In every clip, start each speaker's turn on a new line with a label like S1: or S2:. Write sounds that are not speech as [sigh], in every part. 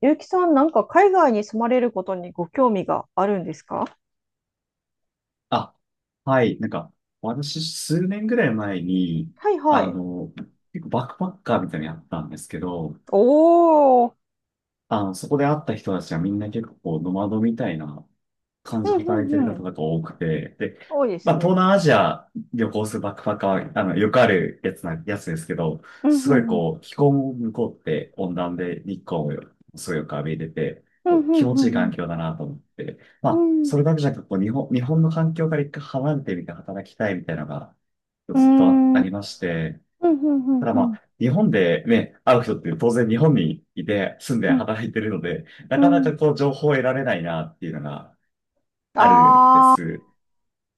S1: ゆうきさん、なんか海外に住まれることにご興味があるんですか？
S2: あ、はい。なんか、私、数年ぐらい前に、
S1: はいは
S2: あ
S1: い。
S2: の、結構バックパッカーみたいなのやったんですけど、
S1: おー、
S2: そこで会った人たちはみんな結構こうノマドみたいな感
S1: う
S2: じで
S1: んう
S2: 働いてる
S1: んう
S2: 方
S1: ん。
S2: が多くて、で、
S1: 多いです
S2: まあ、東
S1: ね。
S2: 南アジア旅行するバックパッカーは、よくあるやつですけど、
S1: うん
S2: す
S1: う
S2: ごい
S1: んうん。
S2: こう、気候も向こうって温暖で日光もすごいよく浴びれて、
S1: う
S2: こ
S1: んうん
S2: う気持ちいい
S1: う
S2: 環
S1: ん
S2: 境だなと思って、ま
S1: う
S2: あ、
S1: ん。うん。
S2: それだけじゃなくて、こう、日本の環境から一回離れてみて働きたいみたいなのが
S1: うー
S2: ずっとあ
S1: ん。
S2: あ
S1: うん
S2: りまして、
S1: うんうん
S2: ただ
S1: う
S2: ま
S1: ん。
S2: あ、日本でね、会う人って当然日本にいて住んで
S1: うん。
S2: 働いてるので、な
S1: う
S2: かな
S1: ん。
S2: かこう情報を得られないなっていうのがあるんで
S1: あ
S2: す。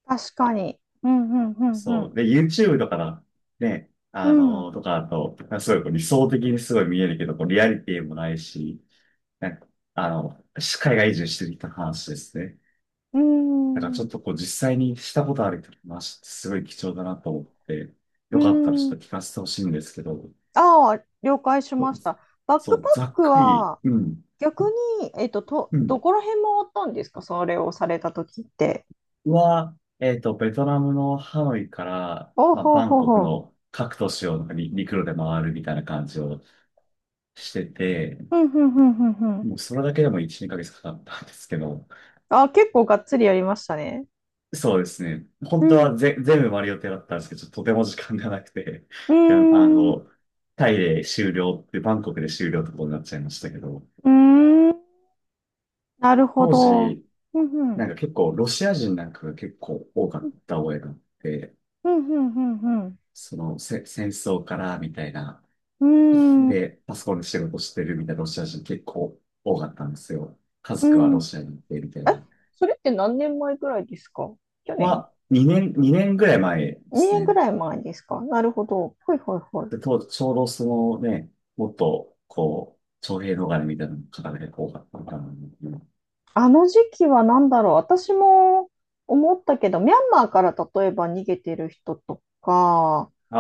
S1: ー、確かに。うんうんう
S2: そ
S1: ん
S2: う。で、YouTube とかだ、ね、
S1: う
S2: あ
S1: ん。
S2: のーとかだと、すごいこう理想的にすごい見えるけど、こうリアリティもないし、なんか、あの、海外移住してきた話ですね。
S1: う
S2: だから
S1: ん。
S2: ち
S1: う
S2: ょ
S1: ん。
S2: っとこう実際にしたことある人の話てすごい貴重だなと思って、
S1: う
S2: よかったらちょ
S1: ん。
S2: っと聞かせてほしいんですけど、
S1: あー、了解しました。バッ
S2: そ
S1: クパ
S2: う、
S1: ッ
S2: ざっ
S1: ク
S2: くり、
S1: は
S2: うん。
S1: 逆に、
S2: うん、
S1: どこら辺回ったんですか、それをされた時って？
S2: は、えっと、ベトナムのハノイから、
S1: お
S2: まあ、
S1: ほう
S2: バン
S1: ほう
S2: コク
S1: ほう。
S2: の各都市をなんかに陸路で回るみたいな感じをしてて、
S1: ふんふんふんふんふん。
S2: もうそれだけでも1、2ヶ月かかったんですけど、
S1: あ、結構がっつりやりましたね。
S2: そうですね。
S1: う
S2: 本当
S1: ん。
S2: は全部回る予定だったんですけど、ちょっととても時間がなくて、
S1: うー
S2: いやあ
S1: ん。う
S2: の、タイで終了って、バンコクで終了ってことになっちゃいましたけど、
S1: ーん。なるほ
S2: 当
S1: ど。
S2: 時、
S1: ふんふん。
S2: なんか結構ロシア人なんかが結構多かった覚えがあって、
S1: ふんふんふんふん。
S2: そのせ戦争からみたいな、
S1: うーん。
S2: で、パソコンで仕事してるみたいなロシア人結構多かったんですよ。家
S1: う
S2: 族はロ
S1: ん。
S2: シアに行ってみたい
S1: え、
S2: な。
S1: それって何年前ぐらいですか？去年？
S2: 2年ぐらい前で
S1: 2
S2: す
S1: 年ぐ
S2: ね。
S1: らい前ですか？なるほど。ほいほいほい。
S2: で、ちょうどそのね、もっと、こう、徴兵逃れみたいな方が結構多かったのかな。
S1: あの時期は何だろう。私も思ったけど、ミャンマーから例えば逃げてる人とか、
S2: あ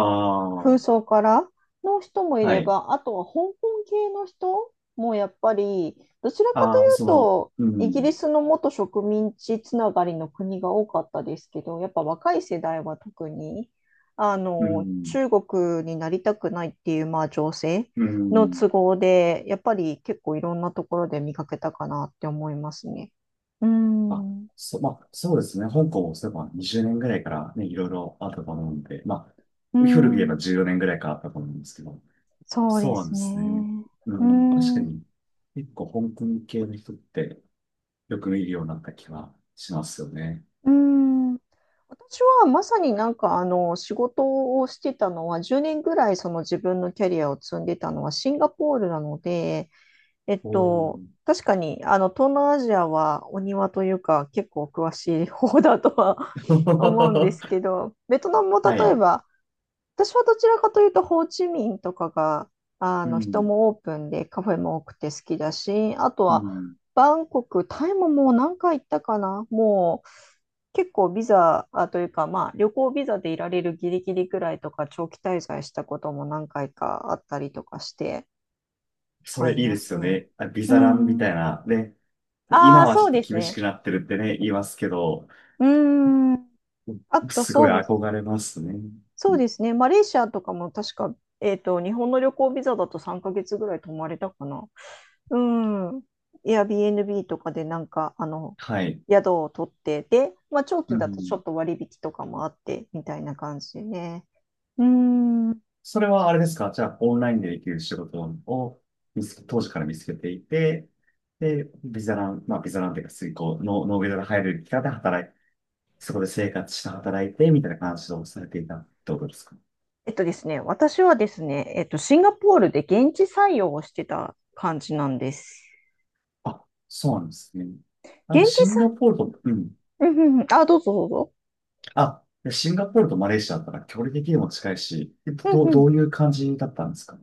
S1: 風
S2: あ、
S1: 葬からの人もい
S2: は
S1: れ
S2: い。
S1: ば、あとは香港系の人もやっぱり、どちらかとい
S2: ああ、
S1: うと、
S2: う
S1: イギリ
S2: ん、
S1: スの元植民地つながりの国が多かったですけど、やっぱ若い世代は特に、あ
S2: う
S1: の、
S2: ん、
S1: 中国になりたくないっていう、まあ、情勢
S2: う
S1: の
S2: ん。
S1: 都合で、やっぱり結構いろんなところで見かけたかなって思いますね。うー
S2: あ、
S1: ん、う
S2: まあ、そうですね。香港もそういえば20年ぐらいからね、いろいろあったと思うんで、まあ、
S1: ー
S2: 古く言えば
S1: ん、
S2: 14年ぐらいからあったと思うんですけど、
S1: そう
S2: そ
S1: で
S2: うなん
S1: す
S2: ですね。
S1: ね。
S2: う
S1: うー
S2: ん、確か
S1: ん
S2: に、結構香港系の人ってよく見るようになった気はしますよね。
S1: うーん、私はまさになんかあの仕事をしてたのは10年ぐらい、その自分のキャリアを積んでたのはシンガポールなので、
S2: おー。
S1: 確かにあの東南アジアはお庭というか結構詳しい方だとは [laughs] 思うんで
S2: [laughs]
S1: すけど、ベトナムも
S2: は
S1: 例え
S2: い。
S1: ば私はどちらかというと、ホーチミンとかが、あ
S2: う
S1: の、人
S2: ん。
S1: もオープンでカフェも多くて好きだし、あと
S2: う
S1: は、
S2: ん。
S1: バンコク、タイももう何回行ったかな、もう、結構ビザあというか、まあ、旅行ビザでいられるギリギリぐらいとか、長期滞在したことも何回かあったりとかして
S2: そ
S1: は
S2: れ
S1: い
S2: いい
S1: ま
S2: で
S1: す
S2: すよ
S1: ね。
S2: ね。あ、ビ
S1: う
S2: ザランみた
S1: ん。
S2: いな。ね。
S1: あ
S2: 今
S1: あ、
S2: はち
S1: そ
S2: ょ
S1: う
S2: っと
S1: です
S2: 厳し
S1: ね。
S2: くなってるってね、言いますけど、
S1: うん。あと、
S2: すご
S1: そ
S2: い
S1: うです。
S2: 憧れますね。
S1: そ
S2: う
S1: う
S2: ん、
S1: ですね。マレーシアとかも確か、日本の旅行ビザだと3ヶ月ぐらい泊まれたかな。うん。Airbnb とかでなんか、あの、
S2: はい。
S1: 宿を取って、で、まあ、長
S2: う
S1: 期だとちょ
S2: ん。
S1: っと割引とかもあって、みたいな感じでね。うん。
S2: それはあれですか？じゃあ、オンラインでできる仕事を見つけ、当時から見つけていて、で、ビザラン、まあ、ビザランっていうか、水耕、ノー、ノービザが入る期間で働いて、そこで生活して働いて、みたいな感じをされていたってことですか？
S1: えっとですね、私はですね、シンガポールで現地採用をしてた感じなんです。
S2: あ、そうなんですね。
S1: 現地
S2: シンガポールと、うん。
S1: 採、うんうんうん。あ、どうぞどうぞ。
S2: あ、でシンガポールとマレーシアだったら距離的にも近いし、えっと
S1: うん
S2: どう、
S1: う
S2: ど
S1: ん。
S2: ういう感じだったんですか？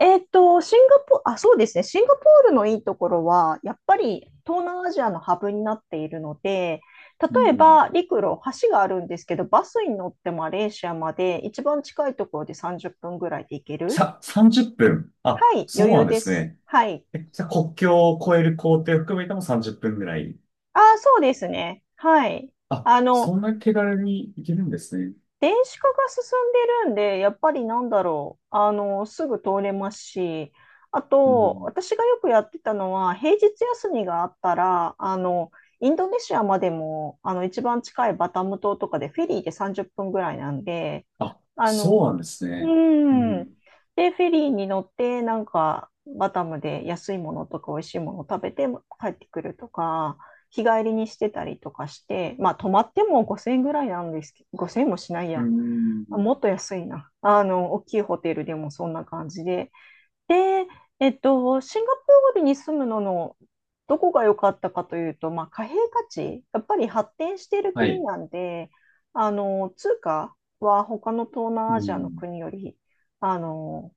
S1: えーっと、シンガポ、あ、そうですね。シンガポールのいいところは、やっぱり東南アジアのハブになっているので、
S2: うん
S1: 例え
S2: ん
S1: ば陸路、橋があるんですけど、バスに乗ってマレーシアまで一番近いところで30分ぐらいで行ける。
S2: さ、30分。あ、
S1: はい、余
S2: そうな
S1: 裕
S2: んで
S1: で
S2: す
S1: す。
S2: ね。
S1: はい。
S2: え、じゃあ国境を越える行程を含めても30分ぐらい？
S1: ああ、そうですね。はい。
S2: あ、
S1: あの、
S2: そんな手軽にいけるんですね。
S1: 電子化が進んでるんで、やっぱり、なんだろう、あの、すぐ通れますし、あ
S2: う
S1: と、
S2: ん。
S1: 私がよくやってたのは、平日休みがあったら、あの、インドネシアまでも、あの、一番近いバタム島とかでフェリーで30分ぐらいなんで、
S2: あ、
S1: あ
S2: そ
S1: の、
S2: うなんです
S1: う
S2: ね。う
S1: ーん。
S2: ん。
S1: で、フェリーに乗って、なんか、バタムで安いものとか美味しいものを食べて帰ってくるとか、日帰りにしてたりとかして、まあ、泊まっても5000円ぐらいなんですけど、5000円もしない
S2: う
S1: や。
S2: ん。
S1: もっと安いな。あの、大きいホテルでもそんな感じで、で、シンガポールに住むののどこが良かったかというと、まあ、貨幣価値、やっぱり発展している
S2: は
S1: 国
S2: い。
S1: なんで、あの、通貨は他の東
S2: う
S1: 南アジアの
S2: ん。
S1: 国より、あの、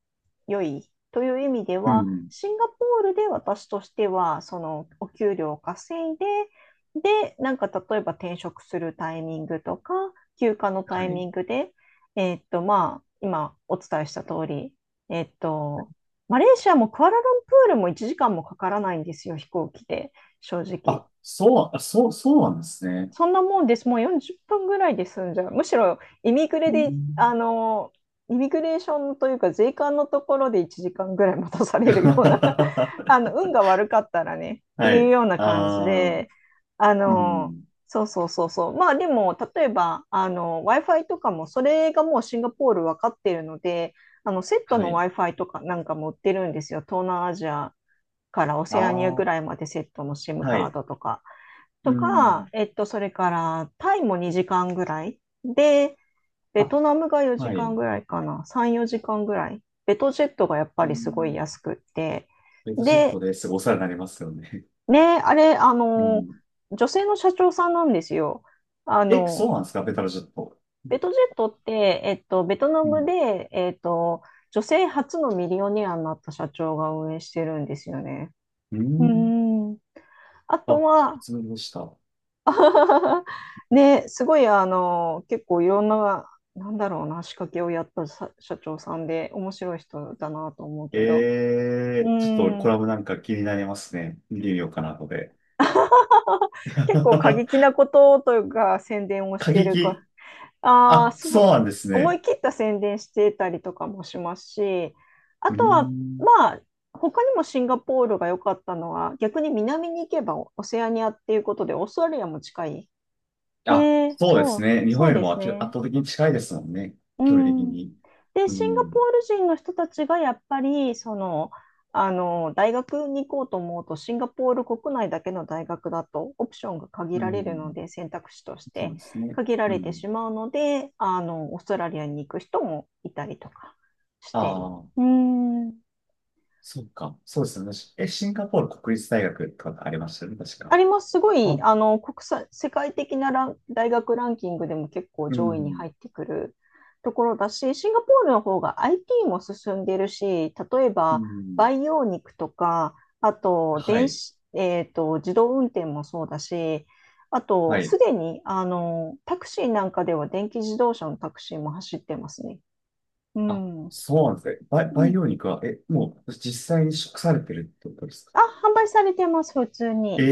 S1: 良いという意味で
S2: う
S1: は、
S2: ん。
S1: シンガポールで私としては、そのお給料を稼いで、で、なんか例えば転職するタイミングとか、休暇のタ
S2: は
S1: イ
S2: い。
S1: ミングで、まあ、今お伝えした通り、えっと、マレーシアもクアラルンプールも1時間もかからないんですよ、飛行機で、正直。
S2: あ、そう、あ、そう、そうなんですね。
S1: そんなもんです。もう40分ぐらいで済んじゃう。むしろ、イミグレ
S2: う
S1: で、あ
S2: ん。
S1: の、イミグレーションというか、税関のところで1時間ぐらい待たされるような [laughs] あの、
S2: [laughs]
S1: 運が悪かったらね、って
S2: は
S1: いう
S2: い。
S1: ような感じ
S2: ああ、
S1: で、あ
S2: う
S1: の、
S2: ん。
S1: そうそうそうそう。まあでも、例えば、あの、Wi-Fi とかも、それがもうシンガポール分かっているので、あの、セット
S2: は
S1: の
S2: い。
S1: Wi-Fi とかなんかも売ってるんですよ、東南アジアからオセアニアぐ
S2: あ
S1: らい
S2: あ、
S1: までセットの SIM
S2: は
S1: カー
S2: い。
S1: ドとか、
S2: うん。
S1: それからタイも2時間ぐらいで、ベ
S2: あ、
S1: トナムが4
S2: は
S1: 時間
S2: い。
S1: ぐらいかな、3、4時間ぐらい。ベトジェットがやっぱ
S2: う
S1: りすごい
S2: ん。
S1: 安くって。
S2: ベタジェッ
S1: で、
S2: トですごいお世話になりますよね。
S1: ね、あれ、あ
S2: う
S1: の、
S2: ん。
S1: 女性の社長さんなんですよ。あ
S2: え、そ
S1: の、
S2: うなんですか？ベタジェット。
S1: ベトジェットって、ベトナ
S2: う
S1: ム
S2: ん。
S1: で、女性初のミリオネアになった社長が運営してるんですよね。
S2: う
S1: う
S2: ん。
S1: ん。あと
S2: あ、
S1: は、
S2: 初めでした。
S1: [laughs] ね、すごい、あの、結構いろんな、なんだろうな、仕掛けをやったさ社長さんで、面白い人だなと思うけど、う
S2: ええ、ちょっとコ
S1: ん、
S2: ラム
S1: [laughs]
S2: なんか気になりますね。見てみようかな、後で。
S1: 結構過激な
S2: [laughs]
S1: ことというか、宣伝をし
S2: 過
S1: てるか、
S2: 激。
S1: ああ、
S2: あ、
S1: そ
S2: そう
S1: う、
S2: なんです
S1: 思
S2: ね。
S1: い切った宣伝してたりとかもしますし、あ
S2: うー
S1: とは、
S2: ん。
S1: まあ、他にもシンガポールが良かったのは、逆に南に行けばオセアニアっていうことで、オーストラリアも近い。
S2: あ、
S1: で、
S2: そうで
S1: そ
S2: す
S1: う、
S2: ね。日本
S1: そう
S2: より
S1: で
S2: も
S1: す
S2: 圧倒
S1: ね。
S2: 的に近いですもんね。
S1: う
S2: 距離的
S1: ん。
S2: に。
S1: で、
S2: う
S1: シンガポー
S2: ん。
S1: ル人の人たちがやっぱり、その、あの、大学に行こうと思うと、シンガポール国内だけの大学だと、オプションが限
S2: う
S1: られるの
S2: ん。
S1: で、選択肢とし
S2: そう
S1: て
S2: ですね。
S1: 限ら
S2: う
S1: れて
S2: ん。
S1: しまうので、あの、オーストラリアに行く人もいたりとかし
S2: あ
S1: て、う
S2: あ、
S1: ーん。
S2: そうか。そうですよね。え、シンガポール国立大学とかありましたよね、確
S1: あ
S2: か。
S1: ります。すごい、
S2: あ、
S1: あの、国際、世界的な大学ランキングでも結構
S2: う
S1: 上位に
S2: ん。
S1: 入ってくるところだし、シンガポールの方が IT も進んでるし、例え
S2: う
S1: ば
S2: ん。
S1: 培養肉とか、あと
S2: は
S1: 電
S2: い。
S1: 子、自動運転もそうだし、あと、
S2: は
S1: す
S2: い。
S1: でに、あの、タクシーなんかでは電気自動車のタクシーも走ってますね。う
S2: あ、
S1: ん。う
S2: そうなんですね。培、培
S1: ん。
S2: 養肉は、え、もう実際に食されてるってことですか？
S1: あ、販売されてます、普通
S2: え
S1: に。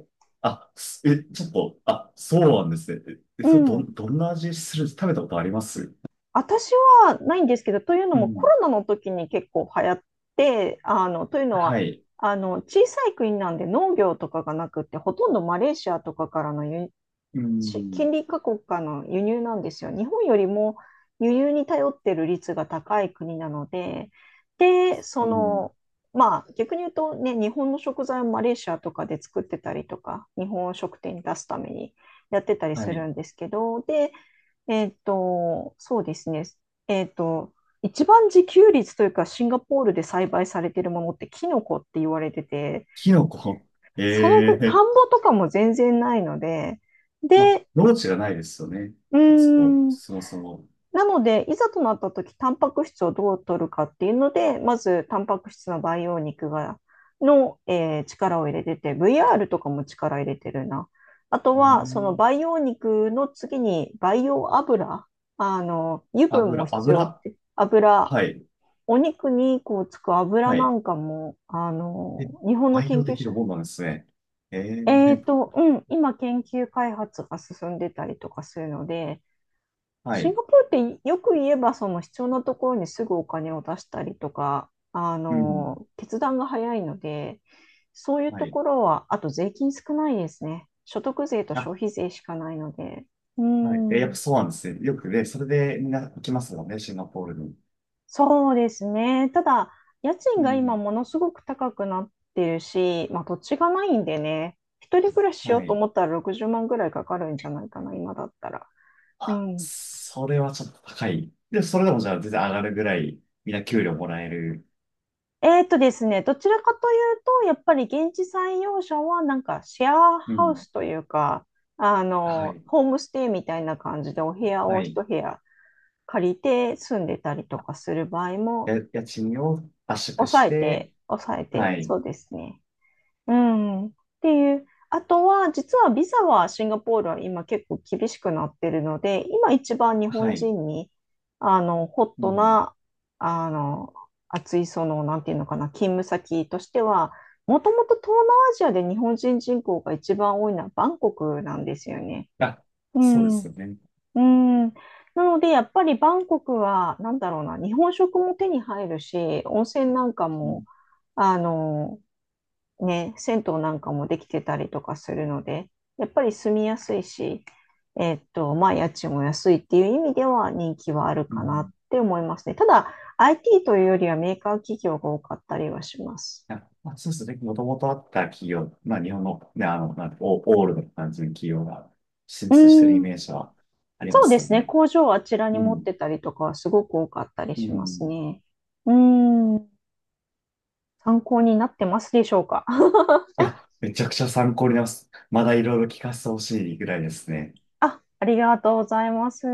S2: え、あ、すえ、ちょっと、あ、そうなんですね。え、え
S1: う
S2: それど
S1: ん。
S2: ん、どんな味するんです？食べたことあります？
S1: 私はないんですけど、というの
S2: う
S1: もコ
S2: ん。
S1: ロナの時に結構流行って、あの、というのは、
S2: はい。
S1: あの、小さい国なんで農業とかがなくって、ほとんどマレーシアとかからの
S2: う
S1: 近
S2: ん。
S1: 隣各国からの輸入なんですよ。日本よりも輸入に頼ってる率が高い国なので、で、そ
S2: うん。
S1: の、まあ逆に言うとね、日本の食材をマレーシアとかで作ってたりとか、日本食店に出すためにやってたり
S2: は
S1: す
S2: い。
S1: るんですけど、で、そうですね。えっと、一番自給率というか、シンガポールで栽培されてるものってキノコって言われてて、
S2: キノコ。
S1: その
S2: え
S1: ぐ、田
S2: え、
S1: んぼとかも全然ないので、
S2: まあ、
S1: で、
S2: 農地がないですよね。
S1: うー
S2: あそこ、
S1: ん、
S2: そもそも。
S1: なので、いざとなった時、タンパク質をどう取るかっていうので、まず、タンパク質の培養肉が、の、力を入れてて、VR とかも力入れてるな。あと
S2: う
S1: は、その
S2: ん。
S1: 培養肉の次に培養油、あの、油分も
S2: 油、
S1: 必要っ
S2: 油。
S1: て、油、
S2: はい。
S1: お肉にこうつく油
S2: は
S1: な
S2: い。
S1: んかも、あの、
S2: え、
S1: 日本の
S2: 培
S1: 研
S2: 養で
S1: 究
S2: きる
S1: 者、
S2: もんなんですね。ええ、
S1: うん、今研究開発が進んでたりとかするので、
S2: は
S1: シン
S2: い。
S1: ガポールってよく言えばその必要なところにすぐお金を出したりとか、あ
S2: うん。
S1: の、決断が早いので、そういう
S2: は
S1: と
S2: い。
S1: ころは、あと税金少ないですね。所得税と
S2: あ、
S1: 消費税しかないので。う
S2: はい。え、やっぱ
S1: ん、
S2: そうなんですね。よくね、それでみんな行きますもんね、シンガポールに。
S1: そうですね。ただ、家
S2: う
S1: 賃が今
S2: ん。
S1: ものすごく高くなってるし、まあ土地がないんでね、一人暮らししよう
S2: は
S1: と
S2: い。
S1: 思ったら60万ぐらいかかるんじゃないかな、今だったら。う
S2: あ、
S1: ん。
S2: それはちょっと高い。で、それでもじゃあ全然上がるぐらい、みんな給料もらえる。
S1: ですね、どちらかというと、やっぱり現地採用者はなんかシェア
S2: う
S1: ハウ
S2: ん。
S1: スというか、あ
S2: は
S1: の、
S2: い。
S1: ホームステイみたいな感じでお部屋
S2: は
S1: を
S2: い。
S1: 一部屋借りて住んでたりとかする場合も
S2: や、家賃を圧縮
S1: 抑
S2: し
S1: え
S2: て、
S1: て、抑え
S2: は
S1: て、
S2: い。
S1: そうですね。うん。っていう。あとは、実はビザはシンガポールは今結構厳しくなってるので、今一番日
S2: は
S1: 本
S2: い。
S1: 人に、あの、ホッ
S2: う
S1: ト
S2: ん。
S1: な、あの、熱い、その、なんていうのかな、勤務先としては、もともと東南アジアで日本人人口が一番多いのはバンコクなんですよね。
S2: あ、
S1: う
S2: そうで
S1: ん。
S2: す
S1: う
S2: よね。
S1: ん。なので、やっぱりバンコクは、なんだろうな、日本食も手に入るし、温泉なんか
S2: う
S1: も、
S2: ん。
S1: あの、ね、銭湯なんかもできてたりとかするので、やっぱり住みやすいし、まあ、家賃も安いっていう意味では人気はある
S2: う
S1: かなっ
S2: ん、
S1: て思いますね。ただ、IT というよりはメーカー企業が多かったりはします。
S2: あ、まあ、そうですね。もともとあった企業、まあ、日本の、ね、なんてオールドな感じの企業が進
S1: うー
S2: 出してるイ
S1: ん、
S2: メージはあり
S1: そ
S2: ま
S1: うで
S2: すよ
S1: すね。
S2: ね。
S1: 工場をあちらに
S2: う
S1: 持っ
S2: ん。
S1: てたりとかはすごく多かったり
S2: う
S1: します
S2: ん。
S1: ね。うーん、参考になってますでしょうか？
S2: い
S1: [laughs]
S2: や、めちゃくちゃ参考になります。まだいろいろ聞かせてほしいぐらいですね。
S1: あ、ありがとうございます。